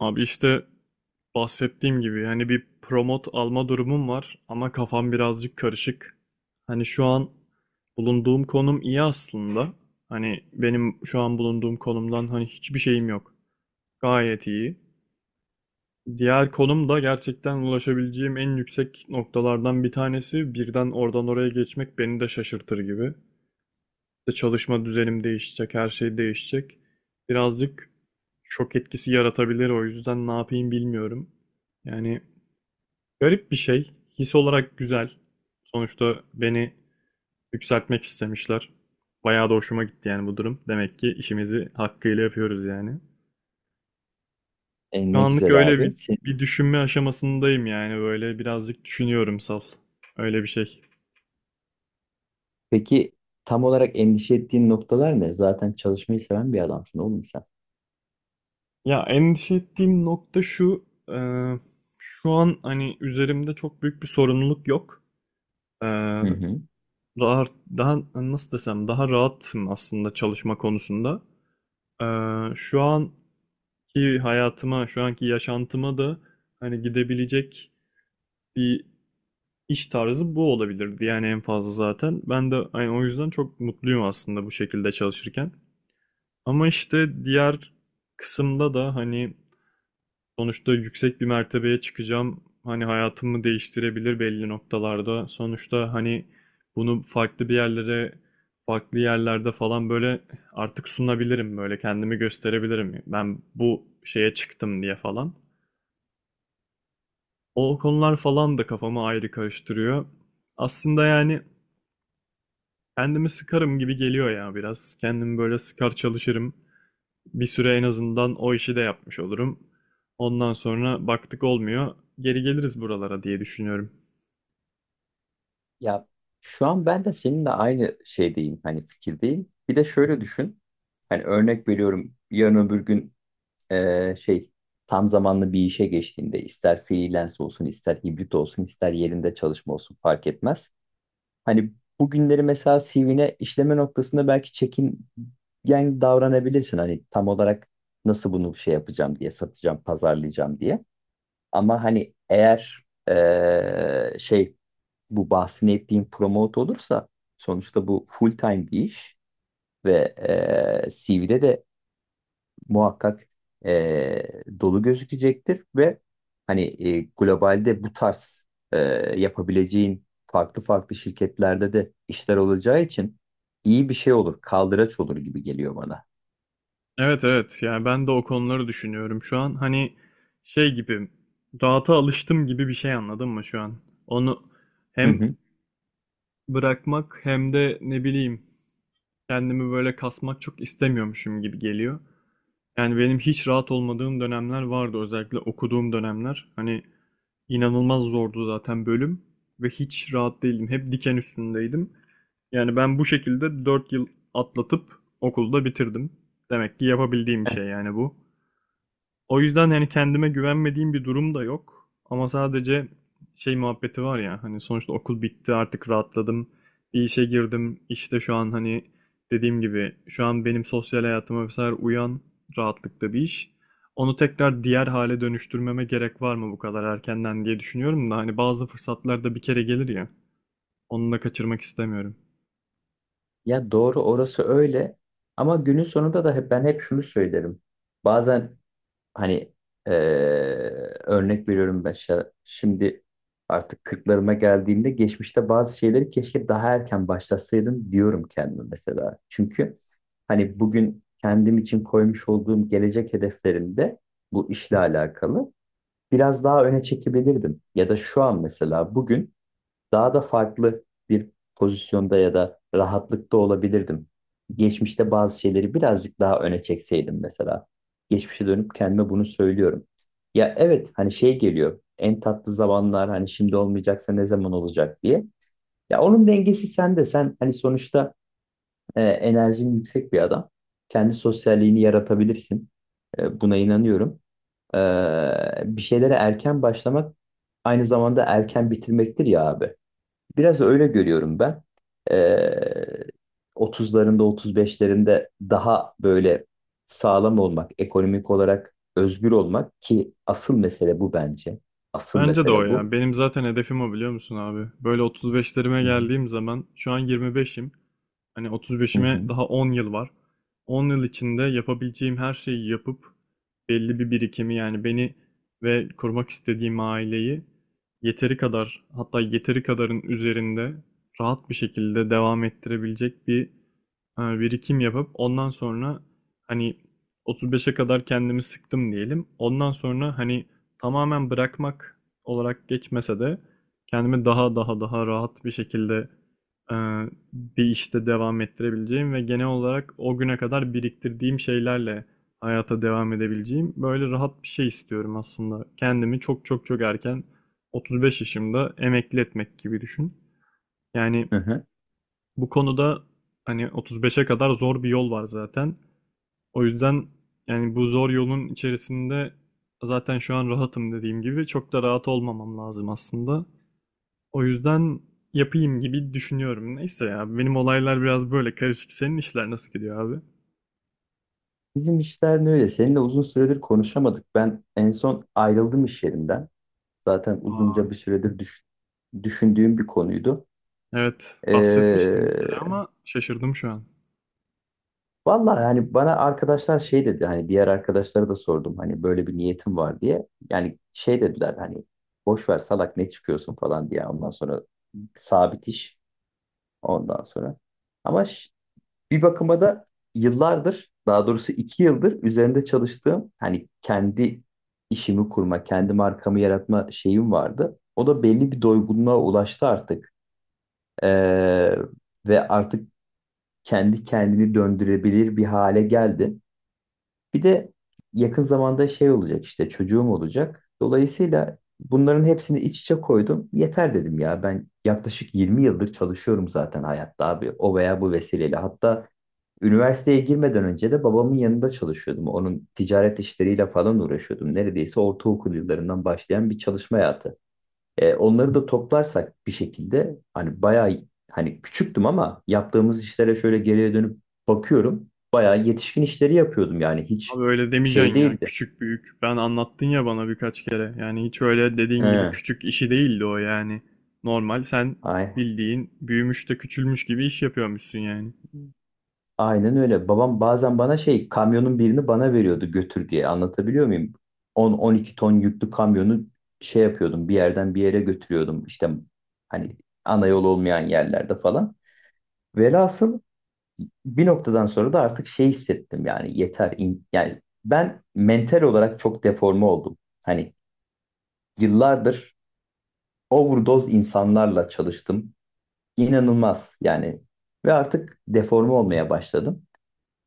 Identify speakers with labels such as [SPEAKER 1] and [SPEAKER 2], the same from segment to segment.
[SPEAKER 1] Abi işte bahsettiğim gibi yani bir promote alma durumum var ama kafam birazcık karışık. Hani şu an bulunduğum konum iyi aslında. Hani benim şu an bulunduğum konumdan hani hiçbir şeyim yok. Gayet iyi. Diğer konum da gerçekten ulaşabileceğim en yüksek noktalardan bir tanesi. Birden oradan oraya geçmek beni de şaşırtır gibi. İşte çalışma düzenim değişecek, her şey değişecek. Birazcık şok etkisi yaratabilir, o yüzden ne yapayım bilmiyorum. Yani garip bir şey. His olarak güzel. Sonuçta beni yükseltmek istemişler. Bayağı da hoşuma gitti yani bu durum. Demek ki işimizi hakkıyla yapıyoruz yani.
[SPEAKER 2] E,
[SPEAKER 1] Şu
[SPEAKER 2] ne
[SPEAKER 1] anlık
[SPEAKER 2] güzel
[SPEAKER 1] öyle bir,
[SPEAKER 2] abi.
[SPEAKER 1] bir düşünme aşamasındayım yani böyle birazcık düşünüyorum sal. Öyle bir şey.
[SPEAKER 2] Peki tam olarak endişe ettiğin noktalar ne? Zaten çalışmayı seven bir adamsın oğlum sen.
[SPEAKER 1] Ya endişe ettiğim nokta şu, şu an hani üzerimde çok büyük bir sorumluluk yok. E,
[SPEAKER 2] Hı hı.
[SPEAKER 1] daha, daha nasıl desem, daha rahatım aslında çalışma konusunda. E, Şu anki hayatıma, şu anki yaşantıma da hani gidebilecek bir iş tarzı bu olabilirdi. Yani en fazla zaten. Ben de hani o yüzden çok mutluyum aslında bu şekilde çalışırken. Ama işte diğer kısımda da hani sonuçta yüksek bir mertebeye çıkacağım. Hani hayatımı değiştirebilir belli noktalarda. Sonuçta hani bunu farklı bir yerlere, farklı yerlerde falan böyle artık sunabilirim, böyle kendimi gösterebilirim. Ben bu şeye çıktım diye falan. O konular falan da kafamı ayrı karıştırıyor. Aslında yani kendimi sıkarım gibi geliyor ya biraz. Kendimi böyle sıkar çalışırım. Bir süre en azından o işi de yapmış olurum. Ondan sonra baktık olmuyor, geri geliriz buralara diye düşünüyorum.
[SPEAKER 2] Ya şu an ben de seninle aynı şeydeyim. Hani fikirdeyim. Bir de şöyle düşün. Hani örnek veriyorum. Yarın öbür gün şey tam zamanlı bir işe geçtiğinde ister freelance olsun, ister hibrit olsun, ister yerinde çalışma olsun fark etmez. Hani bugünleri mesela CV'ne işleme noktasında belki çekingen davranabilirsin. Hani tam olarak nasıl bunu şey yapacağım diye, satacağım, pazarlayacağım diye. Ama hani eğer şey bu bahsini ettiğim promote olursa sonuçta bu full time bir iş ve CV'de de muhakkak e, dolu gözükecektir ve hani globalde bu tarz e, yapabileceğin farklı farklı şirketlerde de işler olacağı için iyi bir şey olur, kaldıraç olur gibi geliyor bana.
[SPEAKER 1] Evet, evet, yani ben de o konuları düşünüyorum şu an. Hani şey gibi, rahata alıştım gibi bir şey, anladın mı şu an? Onu
[SPEAKER 2] Hı
[SPEAKER 1] hem
[SPEAKER 2] hı.
[SPEAKER 1] bırakmak hem de ne bileyim kendimi böyle kasmak çok istemiyormuşum gibi geliyor. Yani benim hiç rahat olmadığım dönemler vardı. Özellikle okuduğum dönemler. Hani inanılmaz zordu zaten bölüm ve hiç rahat değildim. Hep diken üstündeydim. Yani ben bu şekilde 4 yıl atlatıp okulda bitirdim. Demek ki yapabildiğim bir
[SPEAKER 2] Heh.
[SPEAKER 1] şey yani bu. O yüzden yani kendime güvenmediğim bir durum da yok. Ama sadece şey muhabbeti var ya, hani sonuçta okul bitti, artık rahatladım. Bir işe girdim. İşte şu an hani dediğim gibi şu an benim sosyal hayatıma vesaire uyan rahatlıkta bir iş. Onu tekrar diğer hale dönüştürmeme gerek var mı bu kadar erkenden diye düşünüyorum da hani bazı fırsatlar da bir kere gelir ya. Onu da kaçırmak istemiyorum.
[SPEAKER 2] Ya doğru orası öyle, ama günün sonunda da hep, ben hep şunu söylerim. Bazen hani eee, örnek veriyorum ben şimdi artık 40'larıma geldiğimde geçmişte bazı şeyleri keşke daha erken başlasaydım diyorum kendime mesela. Çünkü hani bugün kendim için koymuş olduğum gelecek hedeflerimde bu işle alakalı biraz daha öne çekebilirdim. Ya da şu an mesela bugün daha da farklı bir pozisyonda ya da rahatlıkta olabilirdim. Geçmişte bazı şeyleri birazcık daha öne çekseydim mesela. Geçmişe dönüp kendime bunu söylüyorum. Ya evet hani şey geliyor. En tatlı zamanlar hani şimdi olmayacaksa ne zaman olacak diye. Ya onun dengesi sende. Sen hani sonuçta enerjin yüksek bir adam. Kendi sosyalliğini yaratabilirsin. Buna inanıyorum. E, bir şeylere erken başlamak aynı zamanda erken bitirmektir ya abi. Biraz öyle görüyorum ben. Ee, 30'larında, 35'lerinde daha böyle sağlam olmak, ekonomik olarak özgür olmak ki asıl mesele bu bence. Asıl
[SPEAKER 1] Bence de o
[SPEAKER 2] mesele
[SPEAKER 1] ya.
[SPEAKER 2] bu.
[SPEAKER 1] Benim zaten hedefim o, biliyor musun abi? Böyle 35'lerime
[SPEAKER 2] Hı hı.
[SPEAKER 1] geldiğim zaman, şu an 25'im. Hani
[SPEAKER 2] Hı
[SPEAKER 1] 35'ime
[SPEAKER 2] hı.
[SPEAKER 1] daha 10 yıl var. 10 yıl içinde yapabileceğim her şeyi yapıp belli bir birikimi yani beni ve kurmak istediğim aileyi yeteri kadar, hatta yeteri kadarın üzerinde rahat bir şekilde devam ettirebilecek bir birikim yapıp ondan sonra hani 35'e kadar kendimi sıktım diyelim. Ondan sonra hani tamamen bırakmak olarak geçmese de kendimi daha daha rahat bir şekilde e, bir işte devam ettirebileceğim ve genel olarak o güne kadar biriktirdiğim şeylerle hayata devam edebileceğim, böyle rahat bir şey istiyorum aslında. Kendimi çok, çok, çok erken, 35 yaşımda emekli etmek gibi düşün. Yani
[SPEAKER 2] Hı hı.
[SPEAKER 1] bu konuda hani 35'e kadar zor bir yol var zaten. O yüzden yani bu zor yolun içerisinde, zaten şu an rahatım dediğim gibi, çok da rahat olmamam lazım aslında. O yüzden yapayım gibi düşünüyorum. Neyse ya, benim olaylar biraz böyle karışık. Senin işler nasıl gidiyor abi?
[SPEAKER 2] Bizim işler ne öyle. Seninle uzun süredir konuşamadık. Ben en son ayrıldım iş yerinden. Zaten uzunca bir
[SPEAKER 1] Ay.
[SPEAKER 2] süredir düşündüğüm bir konuydu.
[SPEAKER 1] Evet, bahsetmiştim bir kere
[SPEAKER 2] Ee,
[SPEAKER 1] ama şaşırdım şu an.
[SPEAKER 2] Vallahi yani bana arkadaşlar şey dedi hani diğer arkadaşlara da sordum hani böyle bir niyetim var diye. Yani şey dediler hani boş ver salak ne çıkıyorsun falan diye ondan sonra sabit iş ondan sonra. Ama bir bakıma da yıllardır, daha doğrusu 2 yıldır üzerinde çalıştığım hani kendi işimi kurma, kendi markamı yaratma şeyim vardı. O da belli bir doygunluğa ulaştı artık. Ee, ve artık kendi kendini döndürebilir bir hale geldi. Bir de yakın zamanda şey olacak, işte çocuğum olacak. Dolayısıyla bunların hepsini iç içe koydum. Yeter dedim ya, ben yaklaşık 20 yıldır çalışıyorum zaten hayatta abi o veya bu vesileyle. Hatta üniversiteye girmeden önce de babamın yanında çalışıyordum. Onun ticaret işleriyle falan uğraşıyordum. Neredeyse ortaokul yıllarından başlayan bir çalışma hayatı. Onları da toplarsak bir şekilde hani bayağı, hani küçüktüm ama yaptığımız işlere şöyle geriye dönüp bakıyorum. Bayağı yetişkin işleri yapıyordum, yani hiç
[SPEAKER 1] Abi öyle
[SPEAKER 2] şey
[SPEAKER 1] demeyeceksin ya,
[SPEAKER 2] değildi.
[SPEAKER 1] küçük büyük. Ben anlattın ya bana birkaç kere. Yani hiç öyle dediğin gibi
[SPEAKER 2] He,
[SPEAKER 1] küçük işi değildi o yani. Normal sen
[SPEAKER 2] ay,
[SPEAKER 1] bildiğin büyümüş de küçülmüş gibi iş yapıyormuşsun yani.
[SPEAKER 2] aynen öyle. Babam bazen bana şey, kamyonun birini bana veriyordu götür diye, anlatabiliyor muyum? 10-12 ton yüklü kamyonu şey yapıyordum, bir yerden bir yere götürüyordum işte, hani ana yol olmayan yerlerde falan. Velhasıl bir noktadan sonra da artık şey hissettim, yani yeter yani ben mental olarak çok deforme oldum. Hani yıllardır overdose insanlarla çalıştım. İnanılmaz yani ve artık deforme olmaya başladım.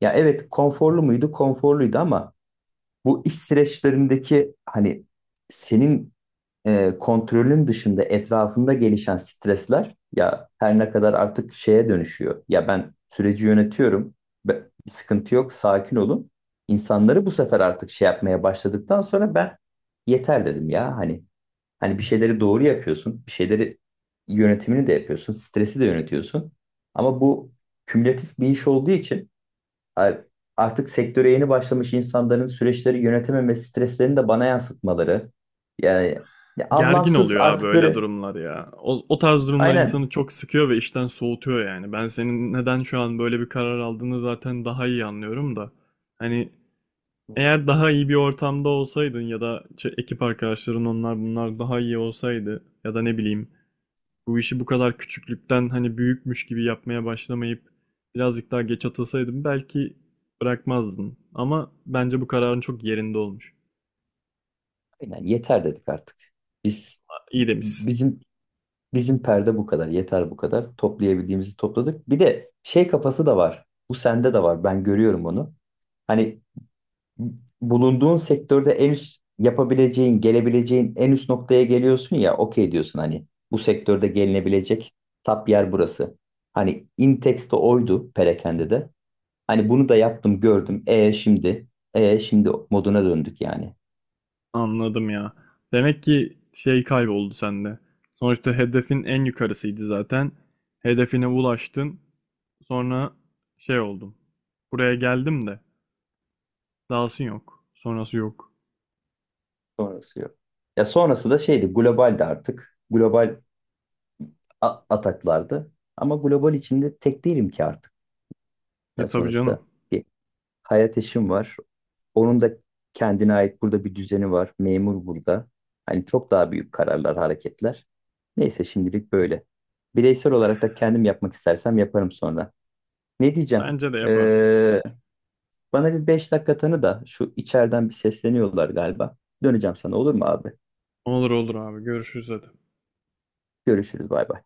[SPEAKER 2] Ya evet konforlu muydu? Konforluydu ama bu iş süreçlerindeki hani senin kontrolün dışında etrafında gelişen stresler, ya her ne kadar artık şeye dönüşüyor. Ya ben süreci yönetiyorum. Bir sıkıntı yok, sakin olun. İnsanları bu sefer artık şey yapmaya başladıktan sonra ben yeter dedim ya, hani bir şeyleri doğru yapıyorsun, bir şeyleri yönetimini de yapıyorsun, stresi de yönetiyorsun. Ama bu kümülatif bir iş olduğu için Ay- artık sektöre yeni başlamış insanların süreçleri yönetememesi, streslerini de bana yansıtmaları. Yani ya
[SPEAKER 1] Gergin
[SPEAKER 2] anlamsız
[SPEAKER 1] oluyor abi
[SPEAKER 2] artık
[SPEAKER 1] öyle
[SPEAKER 2] böyle,
[SPEAKER 1] durumlar ya. O tarz durumlar
[SPEAKER 2] aynen,
[SPEAKER 1] insanı çok sıkıyor ve işten soğutuyor yani. Ben senin neden şu an böyle bir karar aldığını zaten daha iyi anlıyorum da. Hani eğer daha iyi bir ortamda olsaydın ya da ekip arkadaşların, onlar bunlar daha iyi olsaydı, ya da ne bileyim bu işi bu kadar küçüklükten hani büyükmüş gibi yapmaya başlamayıp birazcık daha geç atılsaydın belki bırakmazdın. Ama bence bu kararın çok yerinde olmuş.
[SPEAKER 2] aynen, yeter dedik artık. Biz
[SPEAKER 1] İyi demişsin.
[SPEAKER 2] bizim bizim perde bu kadar, yeter bu kadar. Toplayabildiğimizi topladık. Bir de şey kafası da var. Bu sende de var. Ben görüyorum onu. Hani bulunduğun sektörde en üst yapabileceğin, gelebileceğin en üst noktaya geliyorsun ya, okey diyorsun hani bu sektörde gelinebilecek tap yer burası. Hani Intex'te oydu perakende de. Hani bunu da yaptım, gördüm. Şimdi moduna döndük yani.
[SPEAKER 1] Anladım ya. Demek ki şey kayboldu sende. Sonuçta hedefin en yukarısıydı zaten. Hedefine ulaştın. Sonra şey oldum. Buraya geldim de dahası yok. Sonrası yok.
[SPEAKER 2] Sonrası yok. Ya sonrası da şeydi, globaldi artık. Global ataklardı. Ama global içinde tek değilim ki artık.
[SPEAKER 1] E
[SPEAKER 2] Ya
[SPEAKER 1] tabii
[SPEAKER 2] sonuçta
[SPEAKER 1] canım.
[SPEAKER 2] bir hayat eşim var. Onun da kendine ait burada bir düzeni var. Memur burada. Hani çok daha büyük kararlar, hareketler. Neyse, şimdilik böyle. Bireysel olarak da kendim yapmak istersem yaparım sonra. Ne diyeceğim?
[SPEAKER 1] Bence de yaparsın.
[SPEAKER 2] Ee, bana bir 5 dakika tanı da şu, içeriden bir sesleniyorlar galiba. Döneceğim sana, olur mu abi?
[SPEAKER 1] Olur, olur abi. Görüşürüz hadi.
[SPEAKER 2] Görüşürüz, bay bay.